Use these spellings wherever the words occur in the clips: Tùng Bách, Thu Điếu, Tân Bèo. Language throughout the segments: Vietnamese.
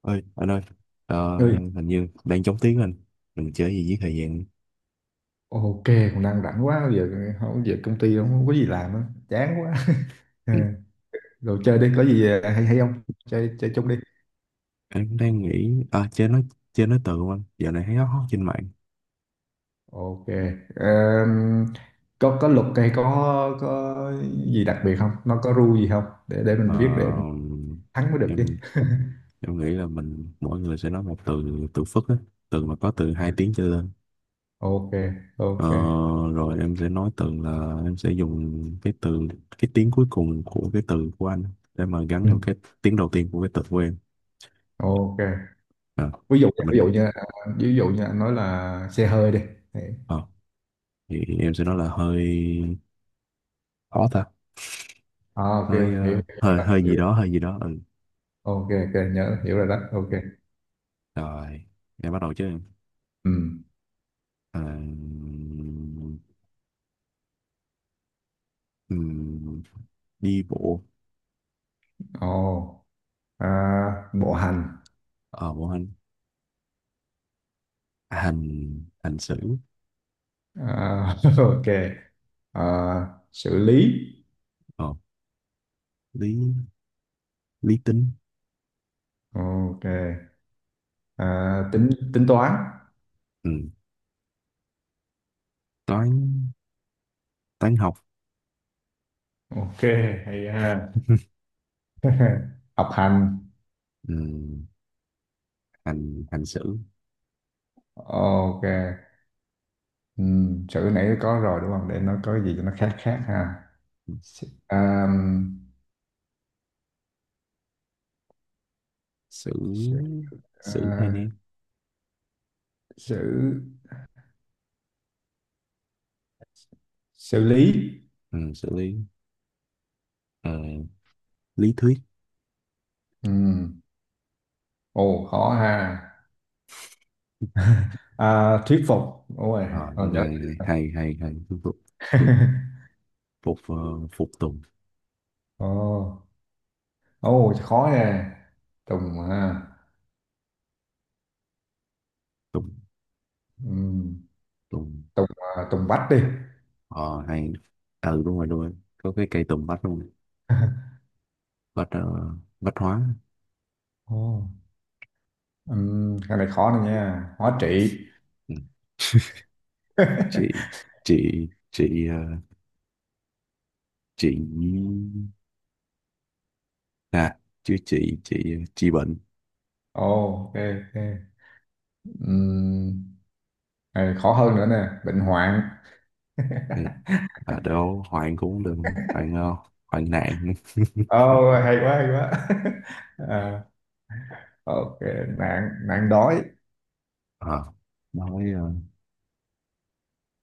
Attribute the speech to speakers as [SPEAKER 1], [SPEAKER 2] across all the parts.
[SPEAKER 1] Ơi anh ơi. ờ,
[SPEAKER 2] Ơi.
[SPEAKER 1] Hình như đang chống tiếng Anh. Mình chơi gì với thời gian?
[SPEAKER 2] Ok, cũng đang rảnh quá giờ. Không, giờ công ty không có gì làm á. Chán quá. Ờ,
[SPEAKER 1] Ừ.
[SPEAKER 2] rồi chơi đi, có gì hay hay không? Chơi chơi chung đi.
[SPEAKER 1] Anh cũng đang nghĩ, à, chơi nói. Chơi nói từ không anh? Giờ này thấy nó hot trên mạng.
[SPEAKER 2] Ok. Ờm, có luật hay có có gì đặc biệt không, nó có rule gì không để
[SPEAKER 1] Ờ,
[SPEAKER 2] mình biết, để mình thắng mới được chứ?
[SPEAKER 1] em em nghĩ là mình mỗi người sẽ nói một từ, từ phức á, từ mà có từ hai tiếng trở lên.
[SPEAKER 2] Ok,
[SPEAKER 1] Ờ,
[SPEAKER 2] ok.
[SPEAKER 1] Rồi em sẽ nói từ là em sẽ dùng cái từ, cái tiếng cuối cùng của cái từ của anh để mà gắn
[SPEAKER 2] Ừ,
[SPEAKER 1] vào cái tiếng đầu tiên của cái từ của em.
[SPEAKER 2] ok.
[SPEAKER 1] Ờ,
[SPEAKER 2] ví dụ
[SPEAKER 1] mình
[SPEAKER 2] ví dụ như à, ví dụ như anh nói là xe hơi đi.
[SPEAKER 1] ờ, thì em sẽ nói là hơi khó ta.
[SPEAKER 2] À, ok, hiểu
[SPEAKER 1] Hơi,
[SPEAKER 2] hiểu
[SPEAKER 1] hơi
[SPEAKER 2] hiểu
[SPEAKER 1] hơi
[SPEAKER 2] hiểu.
[SPEAKER 1] gì đó, hơi gì đó. Ừ.
[SPEAKER 2] Ok, ok, nhớ, hiểu rồi đó. Ok.
[SPEAKER 1] Rồi em bắt đầu chứ em.
[SPEAKER 2] Ừ.
[SPEAKER 1] Ờ, ừm, Đi bộ.
[SPEAKER 2] Ồ. À, bộ hành.
[SPEAKER 1] Ở bộ hành. Hành, hành xử.
[SPEAKER 2] À, ok. À, xử lý.
[SPEAKER 1] ờ Lý, lý tính.
[SPEAKER 2] Ok. À, tính, tính toán.
[SPEAKER 1] Ừ. Toán, toán học.
[SPEAKER 2] Ok, hay ha. Học hành.
[SPEAKER 1] ừ, hành, hành Xử,
[SPEAKER 2] Ok. Ừ, chữ nãy có rồi đúng không, để nó có gì cho nó khác khác ha. Xử, à, xử,
[SPEAKER 1] xử,
[SPEAKER 2] à,
[SPEAKER 1] xử hay nè.
[SPEAKER 2] xử, xử lý.
[SPEAKER 1] Ừ, xử lý. Ờ, Lý thuyết.
[SPEAKER 2] Ừ. Ồ, khó ha. À, thuyết phục. Ôi,
[SPEAKER 1] Ờ,
[SPEAKER 2] còn nhớ.
[SPEAKER 1] rồi rồi, hay hay hay. Phục, phục, phục tùng.
[SPEAKER 2] Ồ. Ồ, khó nè. Tùng ha.
[SPEAKER 1] Tùng,
[SPEAKER 2] Ừm,
[SPEAKER 1] tùng,
[SPEAKER 2] Tùng. À, Tùng Bách đi.
[SPEAKER 1] ờ hay. Ừ, đúng rồi đúng rồi, có cái cây tùng bách luôn. Bách, bách hóa.
[SPEAKER 2] Ồ. Cái này khó này nha, hóa trị.
[SPEAKER 1] Ừ. chị chị chị, chị, à chứ chị, chị bệnh.
[SPEAKER 2] Ồ, ok, ok. Ừm, cái này khó hơn nữa nè, bệnh hoạn.
[SPEAKER 1] Này, à đâu Hoàng cũng đừng. Hoàng, Hoàng nạn.
[SPEAKER 2] Ồ, hay quá, hay quá. À, ok. Nạn, nạn đói.
[SPEAKER 1] Ờ, nói,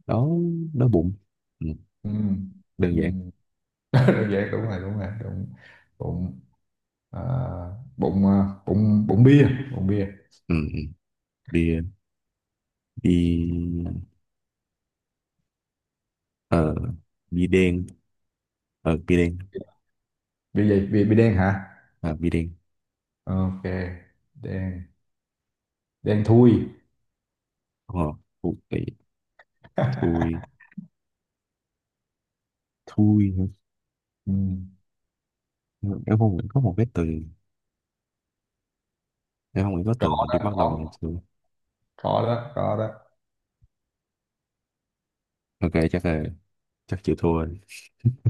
[SPEAKER 1] đó, đó bụng. Ừ,
[SPEAKER 2] Ừm,
[SPEAKER 1] đơn giản.
[SPEAKER 2] ừm. Đơn giản, đúng rồi, đúng rồi, đúng. Bụng. À, bụng. À, bụng, bụng bia. Bụng bia.
[SPEAKER 1] Ừ, ừ. bia bia, ờ bia đen. ờ bia đen
[SPEAKER 2] Bia gì, bia, bia đen hả?
[SPEAKER 1] À, bia đen.
[SPEAKER 2] Ok. Đen. Đen thui.
[SPEAKER 1] Ờ, thui, thui, thui.
[SPEAKER 2] Ừ.
[SPEAKER 1] Nhưng em không nghĩ có một cái từ, em không nghĩ có
[SPEAKER 2] Có
[SPEAKER 1] từ nào đi
[SPEAKER 2] đó,
[SPEAKER 1] bắt đầu
[SPEAKER 2] có,
[SPEAKER 1] bằng từ.
[SPEAKER 2] có đó, có đó.
[SPEAKER 1] Ok, chắc chịu thua rồi.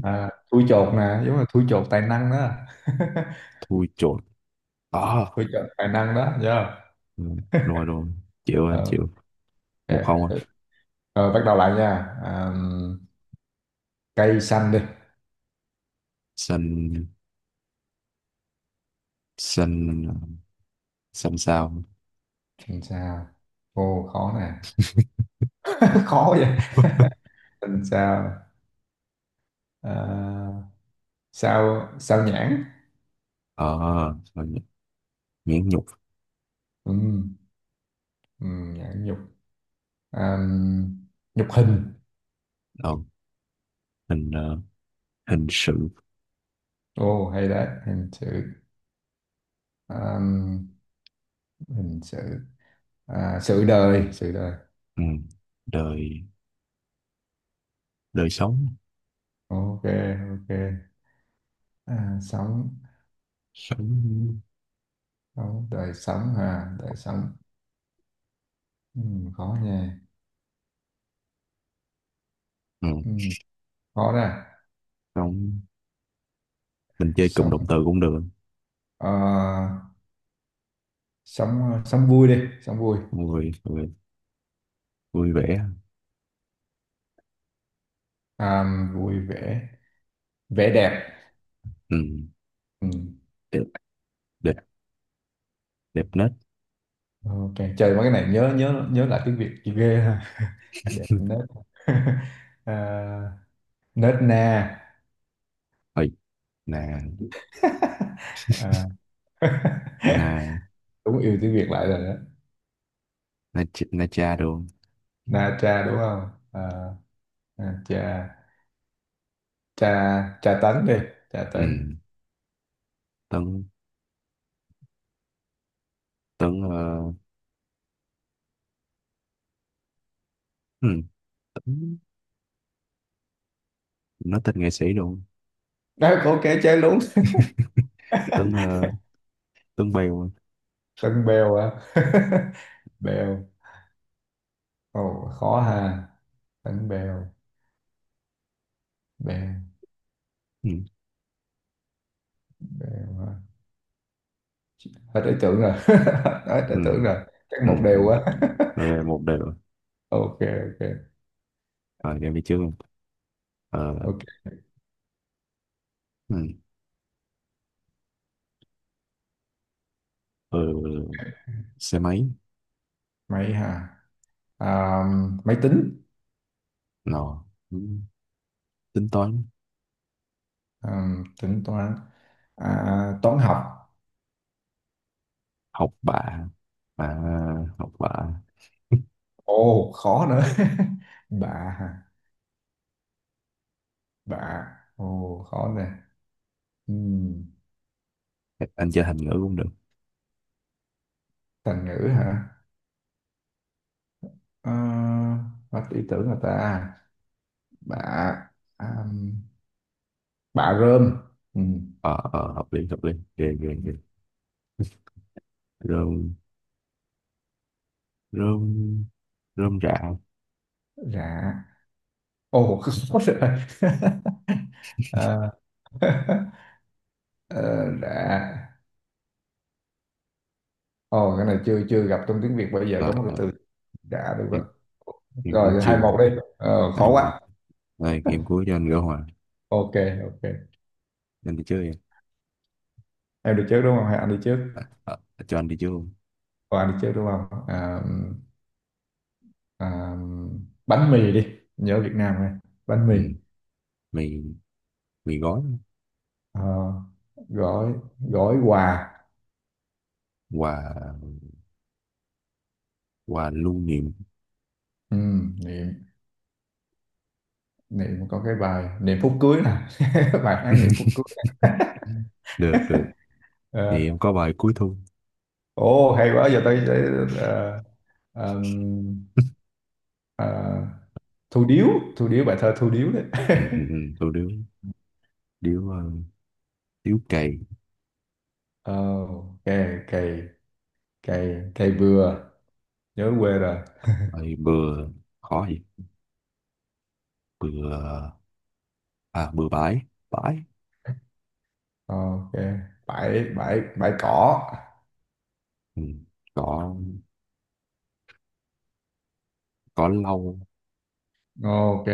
[SPEAKER 2] À, thui chột nè, giống như thui chột tài năng đó.
[SPEAKER 1] Thui chột. À,
[SPEAKER 2] Thui chột tài năng đó, nhớ.
[SPEAKER 1] ừ, rồi rồi, chịu, anh
[SPEAKER 2] Ờ,
[SPEAKER 1] chịu.
[SPEAKER 2] ok.
[SPEAKER 1] Một không anh.
[SPEAKER 2] Ừ, rồi, bắt đầu lại nha. À, cây xanh đi.
[SPEAKER 1] Xanh, xanh, xanh sao?
[SPEAKER 2] Làm sao? Ô, khó nè. Khó vậy. Làm sao? À, sao, sao nhãn?
[SPEAKER 1] ờ à, nhãn nhục.
[SPEAKER 2] Ừ, ừ, nhãn nhục. À, nhục hình.
[SPEAKER 1] ờ, Hình, hình sự.
[SPEAKER 2] Ô, hay đấy. Hình sự. À, hình sự. À, sự đời, sự đời.
[SPEAKER 1] Ừ, đời, đời sống.
[SPEAKER 2] Ok, ok. À, sống,
[SPEAKER 1] Sống.
[SPEAKER 2] sống đời sống hả, đời sống. Ừ, khó nha.
[SPEAKER 1] Ừ,
[SPEAKER 2] Ừ, khó đó.
[SPEAKER 1] sống, mình chơi cụm
[SPEAKER 2] Sống.
[SPEAKER 1] động từ cũng được.
[SPEAKER 2] Ờ, sống, sống vui đi, sống vui.
[SPEAKER 1] Vui, vui, vui vẻ.
[SPEAKER 2] À, vui vẻ. Vẻ đẹp.
[SPEAKER 1] Ừ,
[SPEAKER 2] Ừ.
[SPEAKER 1] đẹp, đẹp, đẹp nết.
[SPEAKER 2] Ok, trời, mấy cái này nhớ, nhớ lại tiếng Việt chị ghê ha. Đẹp nết. À, nết na.
[SPEAKER 1] Ôi, nè,
[SPEAKER 2] À.
[SPEAKER 1] là
[SPEAKER 2] Đúng, yêu tiếng Việt lại rồi đó.
[SPEAKER 1] là cha luôn.
[SPEAKER 2] Na cha đúng không? À, na cha, cha, cha tấn đi. Cha
[SPEAKER 1] Ừ,
[SPEAKER 2] tấn.
[SPEAKER 1] Tuấn, Tuấn, ừ, Tuấn, nói tên nghệ sĩ luôn.
[SPEAKER 2] Đó, ok, chơi luôn.
[SPEAKER 1] Tuấn, Tuấn Bèo.
[SPEAKER 2] Tân Bèo à? Bèo. Ồ, khó ha. Tân Bèo. Bèo.
[SPEAKER 1] Ừ.
[SPEAKER 2] Bèo hả? Hết ý tưởng rồi. Hết ý
[SPEAKER 1] Ừ.
[SPEAKER 2] tưởng rồi, chắc
[SPEAKER 1] Ừ.
[SPEAKER 2] một
[SPEAKER 1] Ừ,
[SPEAKER 2] đều quá.
[SPEAKER 1] rồi một đều.
[SPEAKER 2] Ok, ok,
[SPEAKER 1] Rồi đem đi trước luôn. Ờ.
[SPEAKER 2] ok.
[SPEAKER 1] Ừ. Ừ. Xe máy.
[SPEAKER 2] Máy ha. À, máy tính.
[SPEAKER 1] Nọ. Ừ, tính toán,
[SPEAKER 2] À, tính toán. À, toán học.
[SPEAKER 1] học bạ. À, học bạ.
[SPEAKER 2] Ồ, khó nữa. Bạ ha. Bạ. Ồ, khó nè. Ừm,
[SPEAKER 1] anh chơi thành ngữ cũng được.
[SPEAKER 2] Thành ngữ hả? À, hết ý tưởng rồi ta. Bạ. À, bà rơm. Ừ.
[SPEAKER 1] Ờ hợp lý hợp lý, ghê ghê ghê. Rơm, rơm, rơm rạ.
[SPEAKER 2] Rạ. Ồ, khó rồi. Ờ. Ờ, rạ. Ồ, cái này chưa chưa gặp trong tiếng Việt. Bây giờ
[SPEAKER 1] ờ
[SPEAKER 2] có một cái
[SPEAKER 1] ờ,
[SPEAKER 2] từ đã được đó.
[SPEAKER 1] em, em cũng
[SPEAKER 2] Rồi, hai
[SPEAKER 1] chưa.
[SPEAKER 2] một đi. Ờ,
[SPEAKER 1] Hay
[SPEAKER 2] khó
[SPEAKER 1] quá.
[SPEAKER 2] quá.
[SPEAKER 1] Rồi game cuối cho anh gỡ hòa.
[SPEAKER 2] Ok, ok.
[SPEAKER 1] Anh đi chơi.
[SPEAKER 2] Em đi trước đúng không, hay anh đi trước?
[SPEAKER 1] à, à, Cho anh đi chơi không?
[SPEAKER 2] Ồ, anh đi trước đúng không? À, à, bánh mì đi. Nhớ Việt Nam này. Bánh mì.
[SPEAKER 1] Ừ. Mì, mì gói.
[SPEAKER 2] Ờ, gói, gói quà.
[SPEAKER 1] Quà, quà lưu niệm.
[SPEAKER 2] Ừ, niệm, niệm có cái bài niệm phút cưới nè. Bài hát niệm phút cưới.
[SPEAKER 1] Được được. Thì
[SPEAKER 2] Ờ.
[SPEAKER 1] em có bài cuối thu.
[SPEAKER 2] Ồ, hay quá, giờ ờm, ờ, Thu Điếu. Thu Điếu, bài thơ Thu Điếu đấy.
[SPEAKER 1] ừ, ừ, ừ. Tụi điếu. Điếu, điếu cày.
[SPEAKER 2] Ờ, ok. Cây. Cây bừa. Nhớ quê rồi.
[SPEAKER 1] Rồi bừa. Khó gì. Bừa. À, bừa bãi. Bãi.
[SPEAKER 2] Ờ, ok. Bãi. Bãi cỏ.
[SPEAKER 1] Ừ. Cỏ, cỏ lau.
[SPEAKER 2] Ờ, ok.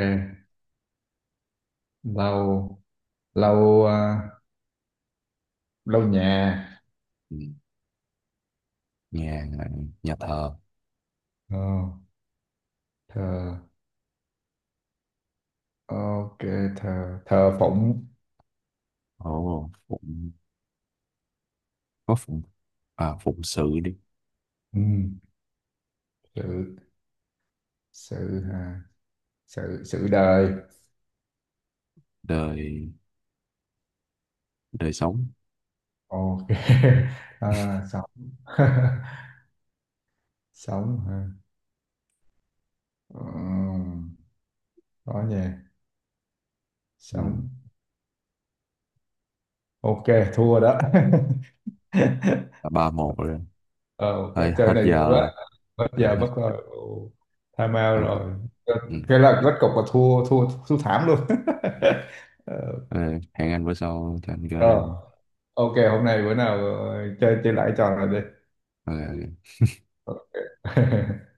[SPEAKER 2] Lau. Lau, à, lau nhà.
[SPEAKER 1] Ừ. Nhà, nhà thờ.
[SPEAKER 2] Ờ, thờ, ok, thờ, thờ phụng.
[SPEAKER 1] Ồ, phụng, có phụng, à phụng sự đi.
[SPEAKER 2] Ừ. Sự. Sự, à, sự sự đời.
[SPEAKER 1] Đời, đời sống.
[SPEAKER 2] Ok. À, xong. Sống hả? Ừ, đó nha.
[SPEAKER 1] Ừ,
[SPEAKER 2] Sống. Ok. Thua đó.
[SPEAKER 1] ba một rồi.
[SPEAKER 2] Ờ, ok,
[SPEAKER 1] Thôi hết
[SPEAKER 2] chơi này vui
[SPEAKER 1] giờ
[SPEAKER 2] quá.
[SPEAKER 1] rồi.
[SPEAKER 2] Mất
[SPEAKER 1] Ừ,
[SPEAKER 2] giờ
[SPEAKER 1] hết.
[SPEAKER 2] mất rồi. Ồ, time out rồi. cái
[SPEAKER 1] Ừ.
[SPEAKER 2] cái là kết cục là thua, thua thảm luôn. Ờ,
[SPEAKER 1] Ừ, hẹn anh bữa sau cho anh gỡ
[SPEAKER 2] rồi.
[SPEAKER 1] đều.
[SPEAKER 2] Ok, hôm nay bữa nào ờ, chơi, chơi lại trò này đi.
[SPEAKER 1] Ok, ok.